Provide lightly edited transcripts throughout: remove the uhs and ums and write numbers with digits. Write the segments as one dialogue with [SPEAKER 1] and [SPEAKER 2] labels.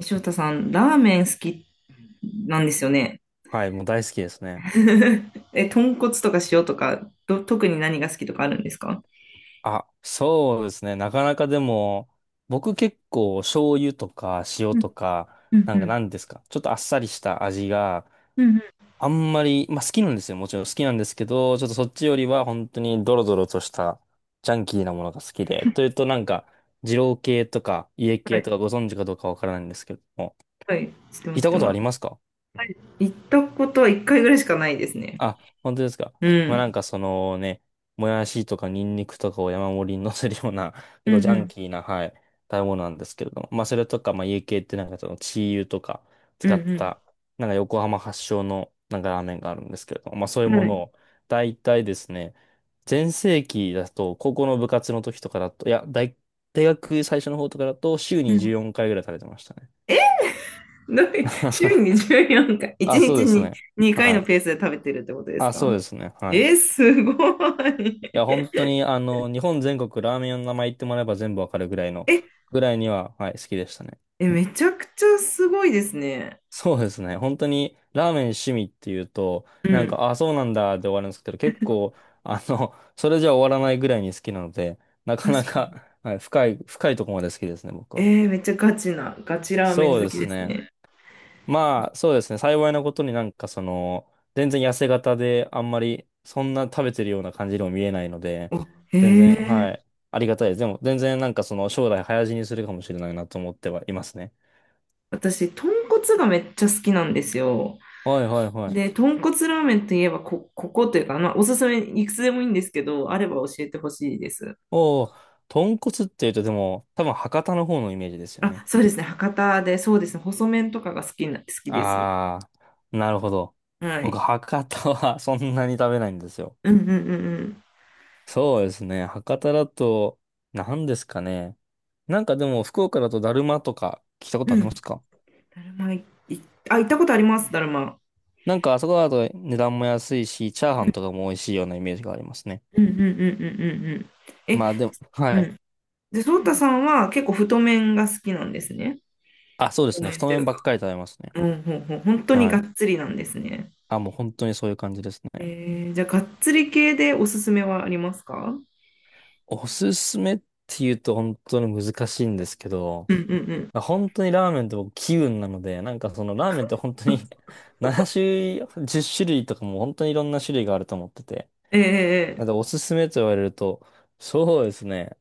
[SPEAKER 1] 翔太さん、ラーメン好きなんですよね。
[SPEAKER 2] はい、もう大好きですね。
[SPEAKER 1] え、豚骨とか塩とか、特に何が好きとかあるんですか？
[SPEAKER 2] あ、そうですね。なかなかでも、僕結構醤油とか塩とか、なんか何ですか、ちょっとあっさりした味があんまり、まあ好きなんですよ。もちろん好きなんですけど、ちょっとそっちよりは本当にドロドロとしたジャンキーなものが好きで、というとなんか、二郎系とか家
[SPEAKER 1] は
[SPEAKER 2] 系と
[SPEAKER 1] い、
[SPEAKER 2] かご存知かどうかわからないんですけども、
[SPEAKER 1] はい、知って
[SPEAKER 2] 聞
[SPEAKER 1] ま
[SPEAKER 2] い
[SPEAKER 1] す、知っ
[SPEAKER 2] た
[SPEAKER 1] て
[SPEAKER 2] こと
[SPEAKER 1] ま
[SPEAKER 2] あ
[SPEAKER 1] す。
[SPEAKER 2] りますか？
[SPEAKER 1] はい、行ったことは一回ぐらいしかないですね。
[SPEAKER 2] あ、本当ですか。
[SPEAKER 1] う
[SPEAKER 2] まあなん
[SPEAKER 1] ん。
[SPEAKER 2] かそのね、もやしとかニンニクとかを山盛りに乗せるような、結
[SPEAKER 1] うん
[SPEAKER 2] 構ジ
[SPEAKER 1] う
[SPEAKER 2] ャン
[SPEAKER 1] ん。
[SPEAKER 2] キーな、はい、食べ物なんですけれども。まあそれとか、まあ家系ってなんかそのチー油とか
[SPEAKER 1] う
[SPEAKER 2] 使っ
[SPEAKER 1] ん
[SPEAKER 2] た、なんか横浜発祥のなんかラーメンがあるんですけれども、まあそうい
[SPEAKER 1] う
[SPEAKER 2] う
[SPEAKER 1] ん、
[SPEAKER 2] も
[SPEAKER 1] は
[SPEAKER 2] の
[SPEAKER 1] い。
[SPEAKER 2] を、大体ですね、全盛期だと、高校の部活の時とかだと、いや、大学最初の方とかだと、週
[SPEAKER 1] う
[SPEAKER 2] に
[SPEAKER 1] ん。
[SPEAKER 2] 14回ぐらい食べてましたね。
[SPEAKER 1] どういう、週に 14回、1
[SPEAKER 2] あ、そう
[SPEAKER 1] 日
[SPEAKER 2] です
[SPEAKER 1] に
[SPEAKER 2] ね。
[SPEAKER 1] 2回
[SPEAKER 2] は
[SPEAKER 1] のペー
[SPEAKER 2] い。
[SPEAKER 1] スで食べてるってことです
[SPEAKER 2] あ、そう
[SPEAKER 1] か？
[SPEAKER 2] ですね。はい。
[SPEAKER 1] え、すご
[SPEAKER 2] い
[SPEAKER 1] い。
[SPEAKER 2] や、本当に、あの、日本全国ラーメン屋の名前言ってもらえば全部わかるぐらいの、
[SPEAKER 1] え、
[SPEAKER 2] ぐらいには、はい、好きでしたね。
[SPEAKER 1] え、めちゃくちゃすごいですね。
[SPEAKER 2] そうですね。本当に、ラーメン趣味っていうと、
[SPEAKER 1] う
[SPEAKER 2] なん
[SPEAKER 1] ん。
[SPEAKER 2] か、あ、そうなんだで終わるんですけど、結構、あの、それじゃ終わらないぐらいに好きなので、なかな
[SPEAKER 1] 確か
[SPEAKER 2] か、
[SPEAKER 1] に。
[SPEAKER 2] はい、深い、深いところまで好きですね、僕は。
[SPEAKER 1] めっちゃガチな、ガチラーメ
[SPEAKER 2] そう
[SPEAKER 1] ン好
[SPEAKER 2] で
[SPEAKER 1] き
[SPEAKER 2] す
[SPEAKER 1] です
[SPEAKER 2] ね。
[SPEAKER 1] ね。
[SPEAKER 2] まあ、そうですね。幸いなことになんかその、全然痩せ型で、あんまりそんな食べてるような感じにも見えないので、
[SPEAKER 1] お、へ
[SPEAKER 2] 全然、
[SPEAKER 1] え。
[SPEAKER 2] はい。ありがたいです。でも、全然なんかその、将来早死にするかもしれないなと思ってはいますね。
[SPEAKER 1] 私、豚骨がめっちゃ好きなんですよ。
[SPEAKER 2] はいはいは
[SPEAKER 1] で、
[SPEAKER 2] い。
[SPEAKER 1] 豚骨ラーメンといえば、ここというか、まあ、おすすめいくつでもいいんですけど、あれば教えてほしいです。
[SPEAKER 2] おお、豚骨っていうとでも、多分博多の方のイメージですよ
[SPEAKER 1] あ、
[SPEAKER 2] ね。
[SPEAKER 1] そうですね。博多で、そうですね。細麺とかが好きです。
[SPEAKER 2] ああ、なるほど。
[SPEAKER 1] はい。
[SPEAKER 2] 僕、博多は そんなに食べないんですよ。
[SPEAKER 1] うんうんうん
[SPEAKER 2] そうですね。博多だと、何ですかね。なんかでも、福岡だとだるまとか聞いたこ
[SPEAKER 1] う
[SPEAKER 2] とあ
[SPEAKER 1] ん。
[SPEAKER 2] り
[SPEAKER 1] う
[SPEAKER 2] ま
[SPEAKER 1] ん。
[SPEAKER 2] すか？
[SPEAKER 1] だるまい、いあ、行ったことあります、だるま。
[SPEAKER 2] なんかあそこだと値段も安いし、チャーハンとかも美味しいようなイメージがありますね。
[SPEAKER 1] うんうんうんうんうんうん。え、
[SPEAKER 2] まあでも、
[SPEAKER 1] う
[SPEAKER 2] はい。
[SPEAKER 1] ん。で、そうたさんは結構太麺が好きなんですね。
[SPEAKER 2] あ、そうで
[SPEAKER 1] 太
[SPEAKER 2] すね。
[SPEAKER 1] 麺
[SPEAKER 2] 太
[SPEAKER 1] とい
[SPEAKER 2] 麺
[SPEAKER 1] う
[SPEAKER 2] ばっ
[SPEAKER 1] か。
[SPEAKER 2] かり食べますね。
[SPEAKER 1] うん、ほんほん、本当に
[SPEAKER 2] は
[SPEAKER 1] が
[SPEAKER 2] い。
[SPEAKER 1] っつりなんですね。
[SPEAKER 2] あ、もう本当にそういう感じですね。
[SPEAKER 1] えじゃあ、がっつり系でおすすめはありますか？
[SPEAKER 2] おすすめって言うと本当に難しいんですけど、
[SPEAKER 1] うんうんうん。
[SPEAKER 2] まあ本当にラーメンって僕気分なので、なんかそのラーメンって本当に 7種類、10種類とかも本当にいろんな種類があると思ってて、
[SPEAKER 1] ええ、え
[SPEAKER 2] なんか
[SPEAKER 1] え、
[SPEAKER 2] おすすめと言われると、そうですね。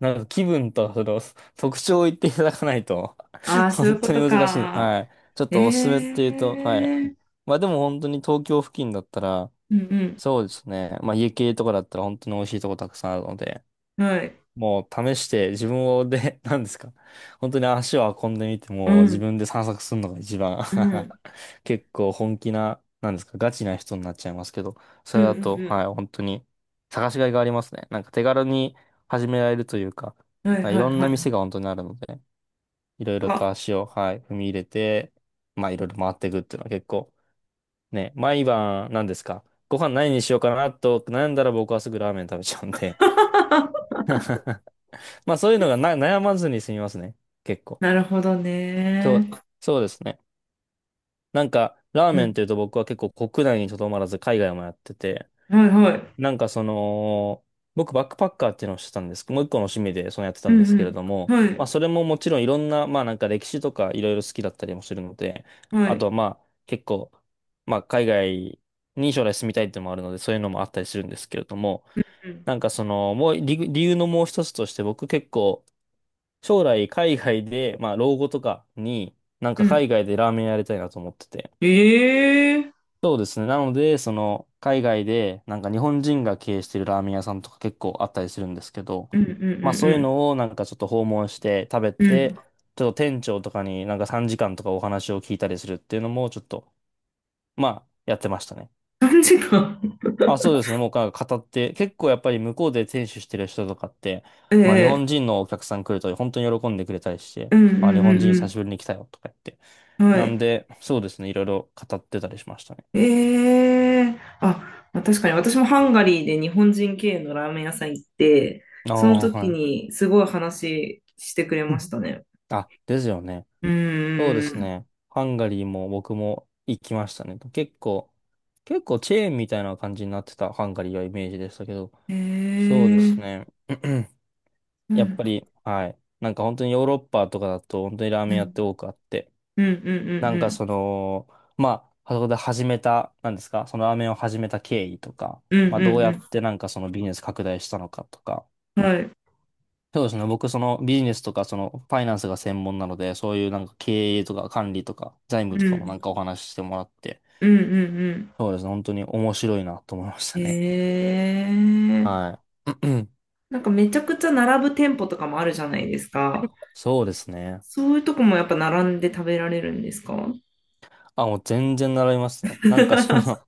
[SPEAKER 2] なんか気分とその 特徴を言っていただかないと
[SPEAKER 1] ああ ー、そうい
[SPEAKER 2] 本
[SPEAKER 1] うこ
[SPEAKER 2] 当に
[SPEAKER 1] と
[SPEAKER 2] 難しい。
[SPEAKER 1] か。
[SPEAKER 2] はい。ちょっ
[SPEAKER 1] え
[SPEAKER 2] とおすすめっていうと、はい。
[SPEAKER 1] え、
[SPEAKER 2] まあでも本当に東京付近だったら、
[SPEAKER 1] うん
[SPEAKER 2] そうですね。まあ家系とかだったら本当に美味しいとこたくさんあるので、
[SPEAKER 1] うん。はい。
[SPEAKER 2] もう試して自分をで、何ですか。本当に足を運んでみて、
[SPEAKER 1] う
[SPEAKER 2] もう自
[SPEAKER 1] ん。
[SPEAKER 2] 分で散策するのが一番
[SPEAKER 1] うん。うん
[SPEAKER 2] 結構本気な、何ですか、ガチな人になっちゃいますけど、そ
[SPEAKER 1] う
[SPEAKER 2] れだと、は
[SPEAKER 1] ん
[SPEAKER 2] い、本当に探しがいがありますね。なんか手軽に始められるというか、
[SPEAKER 1] うん。はい
[SPEAKER 2] なんかい
[SPEAKER 1] はい
[SPEAKER 2] ろん
[SPEAKER 1] は
[SPEAKER 2] な
[SPEAKER 1] い。
[SPEAKER 2] 店が本当にあるので、いろいろと
[SPEAKER 1] あ、
[SPEAKER 2] 足を、はい、踏み入れて、まあいろいろ回っていくっていうのは結構、ね、毎晩、何ですか、ご飯何にしようかなと悩んだら僕はすぐラーメン食べちゃうんでまあそういうのがな悩まずに済みますね。結構。
[SPEAKER 1] なるほど
[SPEAKER 2] そ
[SPEAKER 1] ね。
[SPEAKER 2] う、そうですね。なんか、ラー
[SPEAKER 1] う
[SPEAKER 2] メンっ
[SPEAKER 1] ん。
[SPEAKER 2] ていうと僕は結構国内にとどまらず海外もやってて、
[SPEAKER 1] はいはい。
[SPEAKER 2] なんかその、僕バックパッカーっていうのをしてたんです。もう一個の趣味でそのやってた
[SPEAKER 1] う
[SPEAKER 2] んですけれ
[SPEAKER 1] ん
[SPEAKER 2] ど
[SPEAKER 1] うん。
[SPEAKER 2] も、
[SPEAKER 1] は
[SPEAKER 2] まあ
[SPEAKER 1] い。
[SPEAKER 2] それももちろんいろんな、まあなんか歴史とかいろいろ好きだったりもするので、
[SPEAKER 1] は
[SPEAKER 2] あ
[SPEAKER 1] い。
[SPEAKER 2] とはまあ結構、まあ海外に将来住みたいっていうのもあるので、そういうのもあったりするんですけれども、
[SPEAKER 1] うん
[SPEAKER 2] なんかその、もう理由のもう一つとして僕結構、将来海外で、まあ老後とかに、なん
[SPEAKER 1] う
[SPEAKER 2] か
[SPEAKER 1] ん。
[SPEAKER 2] 海外でラーメンやりたいなと思ってて。
[SPEAKER 1] ええ、
[SPEAKER 2] そうですね。なので、その海外で、なんか日本人が経営してるラーメン屋さんとか結構あったりするんですけど、
[SPEAKER 1] うんうん
[SPEAKER 2] まあそう
[SPEAKER 1] う
[SPEAKER 2] いう
[SPEAKER 1] ん
[SPEAKER 2] のをなんかちょっと訪問して食べ
[SPEAKER 1] うん。う
[SPEAKER 2] て、
[SPEAKER 1] ん。
[SPEAKER 2] ちょっと店長とかになんか3時間とかお話を聞いたりするっていうのもちょっと、まあやってましたね。
[SPEAKER 1] 3時間。
[SPEAKER 2] あ、そうですね。もうなんか語って、結構やっぱり向こうで店主してる人とかって、
[SPEAKER 1] え
[SPEAKER 2] まあ日
[SPEAKER 1] え、
[SPEAKER 2] 本人のお客さん来ると本当に喜んでくれたりして、
[SPEAKER 1] うんう
[SPEAKER 2] あ、日
[SPEAKER 1] ん
[SPEAKER 2] 本人
[SPEAKER 1] う
[SPEAKER 2] 久
[SPEAKER 1] ん
[SPEAKER 2] しぶりに来たよとか言って。
[SPEAKER 1] うん。は
[SPEAKER 2] なん
[SPEAKER 1] い。
[SPEAKER 2] で、そうですね。いろいろ語ってたりしましたね。
[SPEAKER 1] ええ、あ、まあ確かに私もハンガリーで日本人経営のラーメン屋さん行って、
[SPEAKER 2] あ
[SPEAKER 1] その
[SPEAKER 2] あ、
[SPEAKER 1] 時
[SPEAKER 2] はい。
[SPEAKER 1] にすごい話してくれ
[SPEAKER 2] う
[SPEAKER 1] ま
[SPEAKER 2] ん、
[SPEAKER 1] したね。
[SPEAKER 2] あ、ですよね。
[SPEAKER 1] う
[SPEAKER 2] そうで
[SPEAKER 1] ー
[SPEAKER 2] す
[SPEAKER 1] ん。
[SPEAKER 2] ね。ハンガリーも僕も行きましたね。結構、結構チェーンみたいな感じになってたハンガリーはイメージでしたけど、
[SPEAKER 1] え
[SPEAKER 2] そうです
[SPEAKER 1] え、
[SPEAKER 2] ね。
[SPEAKER 1] うん、う
[SPEAKER 2] やっ
[SPEAKER 1] ん、
[SPEAKER 2] ぱり、はい。なんか本当にヨーロッパとかだと本当にラー
[SPEAKER 1] う
[SPEAKER 2] メン屋っ
[SPEAKER 1] ん、
[SPEAKER 2] て多くあって、
[SPEAKER 1] うん、う
[SPEAKER 2] な
[SPEAKER 1] ん、
[SPEAKER 2] ん
[SPEAKER 1] う
[SPEAKER 2] か
[SPEAKER 1] ん、
[SPEAKER 2] その、まあ、そこで始めた、なんですか、そのラーメンを始めた経緯とか、
[SPEAKER 1] うん、
[SPEAKER 2] まあ、どう
[SPEAKER 1] う
[SPEAKER 2] やっ
[SPEAKER 1] ん
[SPEAKER 2] てなんかそのビジネス拡大したのかとか、
[SPEAKER 1] うん、はい。
[SPEAKER 2] そうですね、僕そのビジネスとかそのファイナンスが専門なので、そういうなんか経営とか管理とか財務
[SPEAKER 1] う
[SPEAKER 2] とかもな
[SPEAKER 1] ん、
[SPEAKER 2] んかお話ししてもらって、
[SPEAKER 1] うん、うん、うん。
[SPEAKER 2] そうですね、本当に面白いなと思いましたね。
[SPEAKER 1] ええ、
[SPEAKER 2] はい。
[SPEAKER 1] なんかめちゃくちゃ並ぶ店舗とかもあるじゃないですか。
[SPEAKER 2] そうですね。
[SPEAKER 1] そういうとこもやっぱ並んで食べられるんですか？
[SPEAKER 2] あ、もう全然習いますね。なんかその、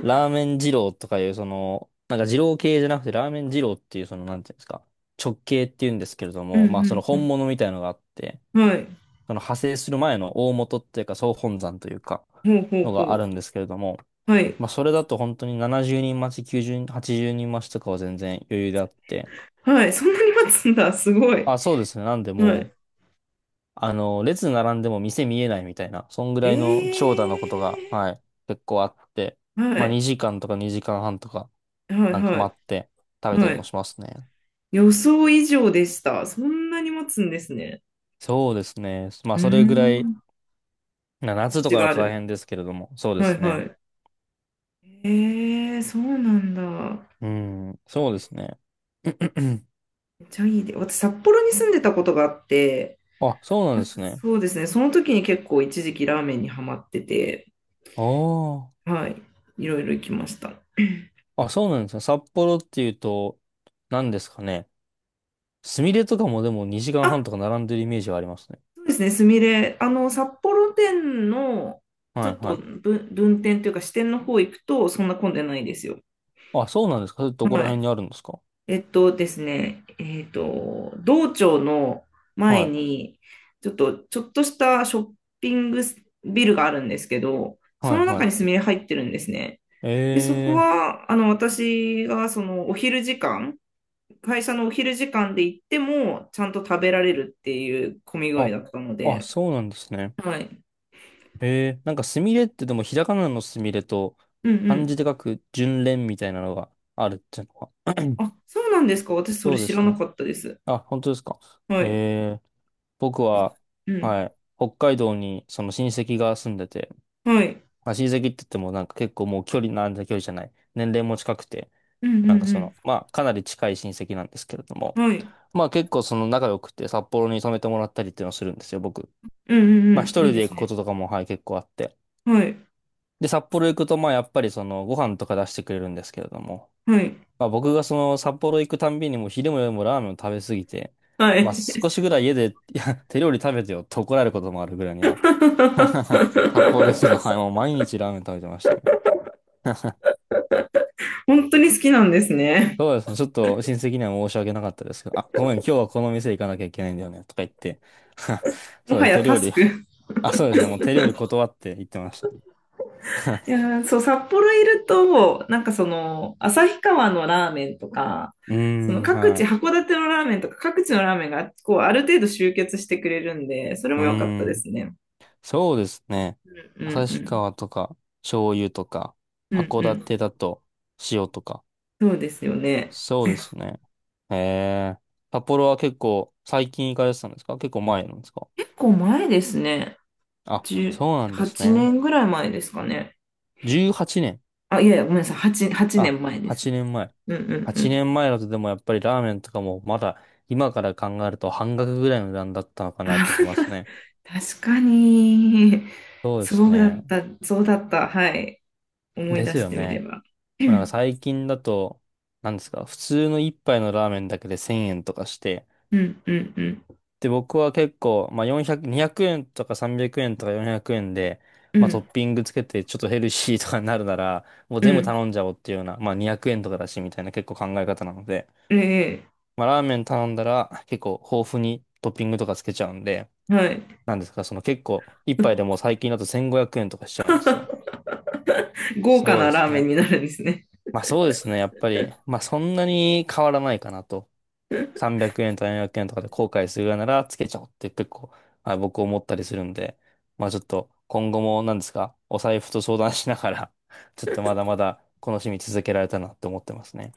[SPEAKER 2] ラーメン二郎とかいう、その、なんか二郎系じゃなくてラーメン二郎っていう、その、なんていうんですか、直系っていうんですけれど
[SPEAKER 1] う
[SPEAKER 2] も、まあその
[SPEAKER 1] ん、
[SPEAKER 2] 本物みたいのがあって、
[SPEAKER 1] うん、はい。
[SPEAKER 2] その派生する前の大元っていうか総本山というか、
[SPEAKER 1] ほうほ
[SPEAKER 2] の
[SPEAKER 1] うほ
[SPEAKER 2] があるん
[SPEAKER 1] う。
[SPEAKER 2] ですけれども、
[SPEAKER 1] はい。
[SPEAKER 2] まあそれだと本当に70人待ち、90人、80人待ちとかは全然余裕であって、
[SPEAKER 1] はい、そんなに待つんだ、すごい。
[SPEAKER 2] あ、そうですね。なんで
[SPEAKER 1] は
[SPEAKER 2] もう
[SPEAKER 1] い。
[SPEAKER 2] あの、列並んでも店見えないみたいな、そんぐらいの長
[SPEAKER 1] え
[SPEAKER 2] 蛇のことが、はい、結構あって、
[SPEAKER 1] ー、は
[SPEAKER 2] まあ
[SPEAKER 1] い、
[SPEAKER 2] 2時間とか2時間半とか、
[SPEAKER 1] はい、
[SPEAKER 2] なんか
[SPEAKER 1] は
[SPEAKER 2] 待っ
[SPEAKER 1] い、
[SPEAKER 2] て食べた
[SPEAKER 1] は
[SPEAKER 2] りも
[SPEAKER 1] い。
[SPEAKER 2] しますね。
[SPEAKER 1] 予想以上でした。そんなに待つんですね。
[SPEAKER 2] そうですね。ま
[SPEAKER 1] う
[SPEAKER 2] あ
[SPEAKER 1] ー
[SPEAKER 2] それぐらい、
[SPEAKER 1] ん、
[SPEAKER 2] な
[SPEAKER 1] 価
[SPEAKER 2] 夏と
[SPEAKER 1] 値
[SPEAKER 2] か
[SPEAKER 1] が
[SPEAKER 2] だ
[SPEAKER 1] あ
[SPEAKER 2] と大
[SPEAKER 1] る。
[SPEAKER 2] 変ですけれども、そうで
[SPEAKER 1] は
[SPEAKER 2] す
[SPEAKER 1] い、は
[SPEAKER 2] ね。
[SPEAKER 1] い。えー、そうなんだ。
[SPEAKER 2] うん、そうですね。
[SPEAKER 1] めっちゃいいで。私、札幌に住んでたことがあって、
[SPEAKER 2] あ、そうなんですね。
[SPEAKER 1] そうですね、その時に結構一時期ラーメンにハマってて、
[SPEAKER 2] あ
[SPEAKER 1] はい、いろいろ行きました。
[SPEAKER 2] あ。あ、そうなんですね。札幌っていうと、何ですかね。すみれとかもでも2時間半
[SPEAKER 1] あ、
[SPEAKER 2] とか並んでるイメージはありますね。
[SPEAKER 1] そうですね、すみれ。あの、札幌店の、ちょ
[SPEAKER 2] はい
[SPEAKER 1] っ
[SPEAKER 2] は
[SPEAKER 1] と
[SPEAKER 2] い。
[SPEAKER 1] 分、分店というか支店の方行くと、そんな混んでないですよ。
[SPEAKER 2] あ、そうなんですか。それどこら
[SPEAKER 1] はい。
[SPEAKER 2] 辺にあるんですか？
[SPEAKER 1] えっとですね、えっと、道庁の前
[SPEAKER 2] はい、
[SPEAKER 1] に、ちょっとしたショッピングビルがあるんですけど、そ
[SPEAKER 2] はい、
[SPEAKER 1] の中
[SPEAKER 2] は
[SPEAKER 1] にすみれ入ってるんですね。
[SPEAKER 2] い。
[SPEAKER 1] で、そこ
[SPEAKER 2] えー、
[SPEAKER 1] は、あの、私が、その、お昼時間、会社のお昼時間で行っても、ちゃんと食べられるっていう混み具合
[SPEAKER 2] あ、
[SPEAKER 1] だったの
[SPEAKER 2] あ、
[SPEAKER 1] で、
[SPEAKER 2] そうなんですね。
[SPEAKER 1] はい。
[SPEAKER 2] えー、なんかすみれってでもひらがなのすみれと
[SPEAKER 1] う
[SPEAKER 2] 漢
[SPEAKER 1] ん、
[SPEAKER 2] 字で書く順連みたいなのがあるっていうのは。
[SPEAKER 1] あ、そうなんですか。私、それ
[SPEAKER 2] そうで
[SPEAKER 1] 知ら
[SPEAKER 2] す
[SPEAKER 1] な
[SPEAKER 2] ね。
[SPEAKER 1] かったです。
[SPEAKER 2] あ、本当ですか。
[SPEAKER 1] はい。
[SPEAKER 2] ええ僕
[SPEAKER 1] え、
[SPEAKER 2] は、
[SPEAKER 1] う
[SPEAKER 2] は
[SPEAKER 1] ん。
[SPEAKER 2] い、北海道にその親戚が住んでて、
[SPEAKER 1] はい。
[SPEAKER 2] まあ、親戚って言ってもなんか結構もう距離じゃない。年齢も近くて、
[SPEAKER 1] うん
[SPEAKER 2] なん
[SPEAKER 1] う
[SPEAKER 2] かその、
[SPEAKER 1] ん
[SPEAKER 2] まあかなり近い親戚なんですけれども、
[SPEAKER 1] うん。はい。
[SPEAKER 2] まあ結構その仲良くて札幌に泊めてもらったりっていうのをするんですよ、僕。
[SPEAKER 1] うんうん
[SPEAKER 2] まあ一
[SPEAKER 1] うん。いい
[SPEAKER 2] 人
[SPEAKER 1] で
[SPEAKER 2] で
[SPEAKER 1] す
[SPEAKER 2] 行くこ
[SPEAKER 1] ね。
[SPEAKER 2] ととかも、はい、結構あって。
[SPEAKER 1] はい。
[SPEAKER 2] で、札幌行くと、まあやっぱりそのご飯とか出してくれるんですけれども、
[SPEAKER 1] はい。
[SPEAKER 2] まあ僕がその札幌行くたんびにもう昼も夜もラーメンを食べ過ぎて、
[SPEAKER 1] は
[SPEAKER 2] まあ
[SPEAKER 1] い。
[SPEAKER 2] 少しぐらい家で、いや、手料理食べてよって怒られることもあるぐらいには。札幌ですけど、はい、もう 毎日ラーメン食べてましたね。
[SPEAKER 1] 本当に好きなんですね。
[SPEAKER 2] そうですね。ちょっと親戚には申し訳なかったですけど、あ、ごめん、今日はこの店行かなきゃいけないんだよね、とか言って。
[SPEAKER 1] も
[SPEAKER 2] そう
[SPEAKER 1] は
[SPEAKER 2] です、
[SPEAKER 1] や
[SPEAKER 2] 手
[SPEAKER 1] タ
[SPEAKER 2] 料
[SPEAKER 1] ス
[SPEAKER 2] 理。
[SPEAKER 1] ク。い
[SPEAKER 2] あ、そうですね。もう手料理断って言ってましたね。
[SPEAKER 1] や ー、そう、札幌いると、なんかその、旭川のラーメンとか、
[SPEAKER 2] うー
[SPEAKER 1] その
[SPEAKER 2] ん、
[SPEAKER 1] 各
[SPEAKER 2] は
[SPEAKER 1] 地、
[SPEAKER 2] い。
[SPEAKER 1] 函館のラーメンとか、各地のラーメンが、こう、ある程度集結してくれるんで、それ
[SPEAKER 2] う
[SPEAKER 1] も良かっ
[SPEAKER 2] ー
[SPEAKER 1] たです
[SPEAKER 2] ん。
[SPEAKER 1] ね。
[SPEAKER 2] そうですね。
[SPEAKER 1] うん
[SPEAKER 2] 旭
[SPEAKER 1] う
[SPEAKER 2] 川とか、醤油とか、
[SPEAKER 1] ん。うん
[SPEAKER 2] 函
[SPEAKER 1] うん。
[SPEAKER 2] 館だと、塩とか。
[SPEAKER 1] そうですよね。
[SPEAKER 2] そうですね。へえ。札幌は結構、最近行かれてたんですか、結構前なんですか？
[SPEAKER 1] 構前ですね。
[SPEAKER 2] あ、そうなんです
[SPEAKER 1] 8
[SPEAKER 2] ね。
[SPEAKER 1] 年ぐらい前ですかね。
[SPEAKER 2] 18年。
[SPEAKER 1] あ、いやいや、ごめんなさい。8
[SPEAKER 2] あ、
[SPEAKER 1] 年前です。
[SPEAKER 2] 8年前。
[SPEAKER 1] うんうんう
[SPEAKER 2] 8
[SPEAKER 1] ん。
[SPEAKER 2] 年前だとでもやっぱりラーメンとかもまだ今から考えると半額ぐらいの値段だったの
[SPEAKER 1] あ、
[SPEAKER 2] かなと思います ね。
[SPEAKER 1] 確かに、
[SPEAKER 2] そうです
[SPEAKER 1] そうだ
[SPEAKER 2] ね。
[SPEAKER 1] った、そうだった。はい。思い
[SPEAKER 2] で
[SPEAKER 1] 出
[SPEAKER 2] す
[SPEAKER 1] し
[SPEAKER 2] よ
[SPEAKER 1] てみれ
[SPEAKER 2] ね。
[SPEAKER 1] ば。う
[SPEAKER 2] まあなんか
[SPEAKER 1] ん
[SPEAKER 2] 最近だと、なんですか、普通の一杯のラーメンだけで1000円とかして、
[SPEAKER 1] うんうんうん
[SPEAKER 2] で、僕は結構、まあ400、200円とか300円とか400円で、
[SPEAKER 1] う
[SPEAKER 2] まあトッ
[SPEAKER 1] ん。
[SPEAKER 2] ピングつけてちょっとヘルシーとかになるなら、もう
[SPEAKER 1] う
[SPEAKER 2] 全部
[SPEAKER 1] ん、
[SPEAKER 2] 頼んじゃおうっていうような、まあ200円とかだしみたいな結構考え方なので、
[SPEAKER 1] ええ、
[SPEAKER 2] まあラーメン頼んだら結構豊富にトッピングとかつけちゃうんで、
[SPEAKER 1] はい。
[SPEAKER 2] なんですか、その結構一杯でもう最近だと1500円とかしちゃうんですよ。
[SPEAKER 1] 豪華
[SPEAKER 2] そう
[SPEAKER 1] な
[SPEAKER 2] です
[SPEAKER 1] ラーメン
[SPEAKER 2] ね。
[SPEAKER 1] になるんですね。
[SPEAKER 2] まあそうですね、やっぱり、まあそんなに変わらないかなと。300円とか400円とかで後悔するようならつけちゃおうって結構、はい、僕思ったりするんで、まあちょっと今後も何ですか、お財布と相談しながら ちょっとまだまだこの趣味続けられたなって思ってますね。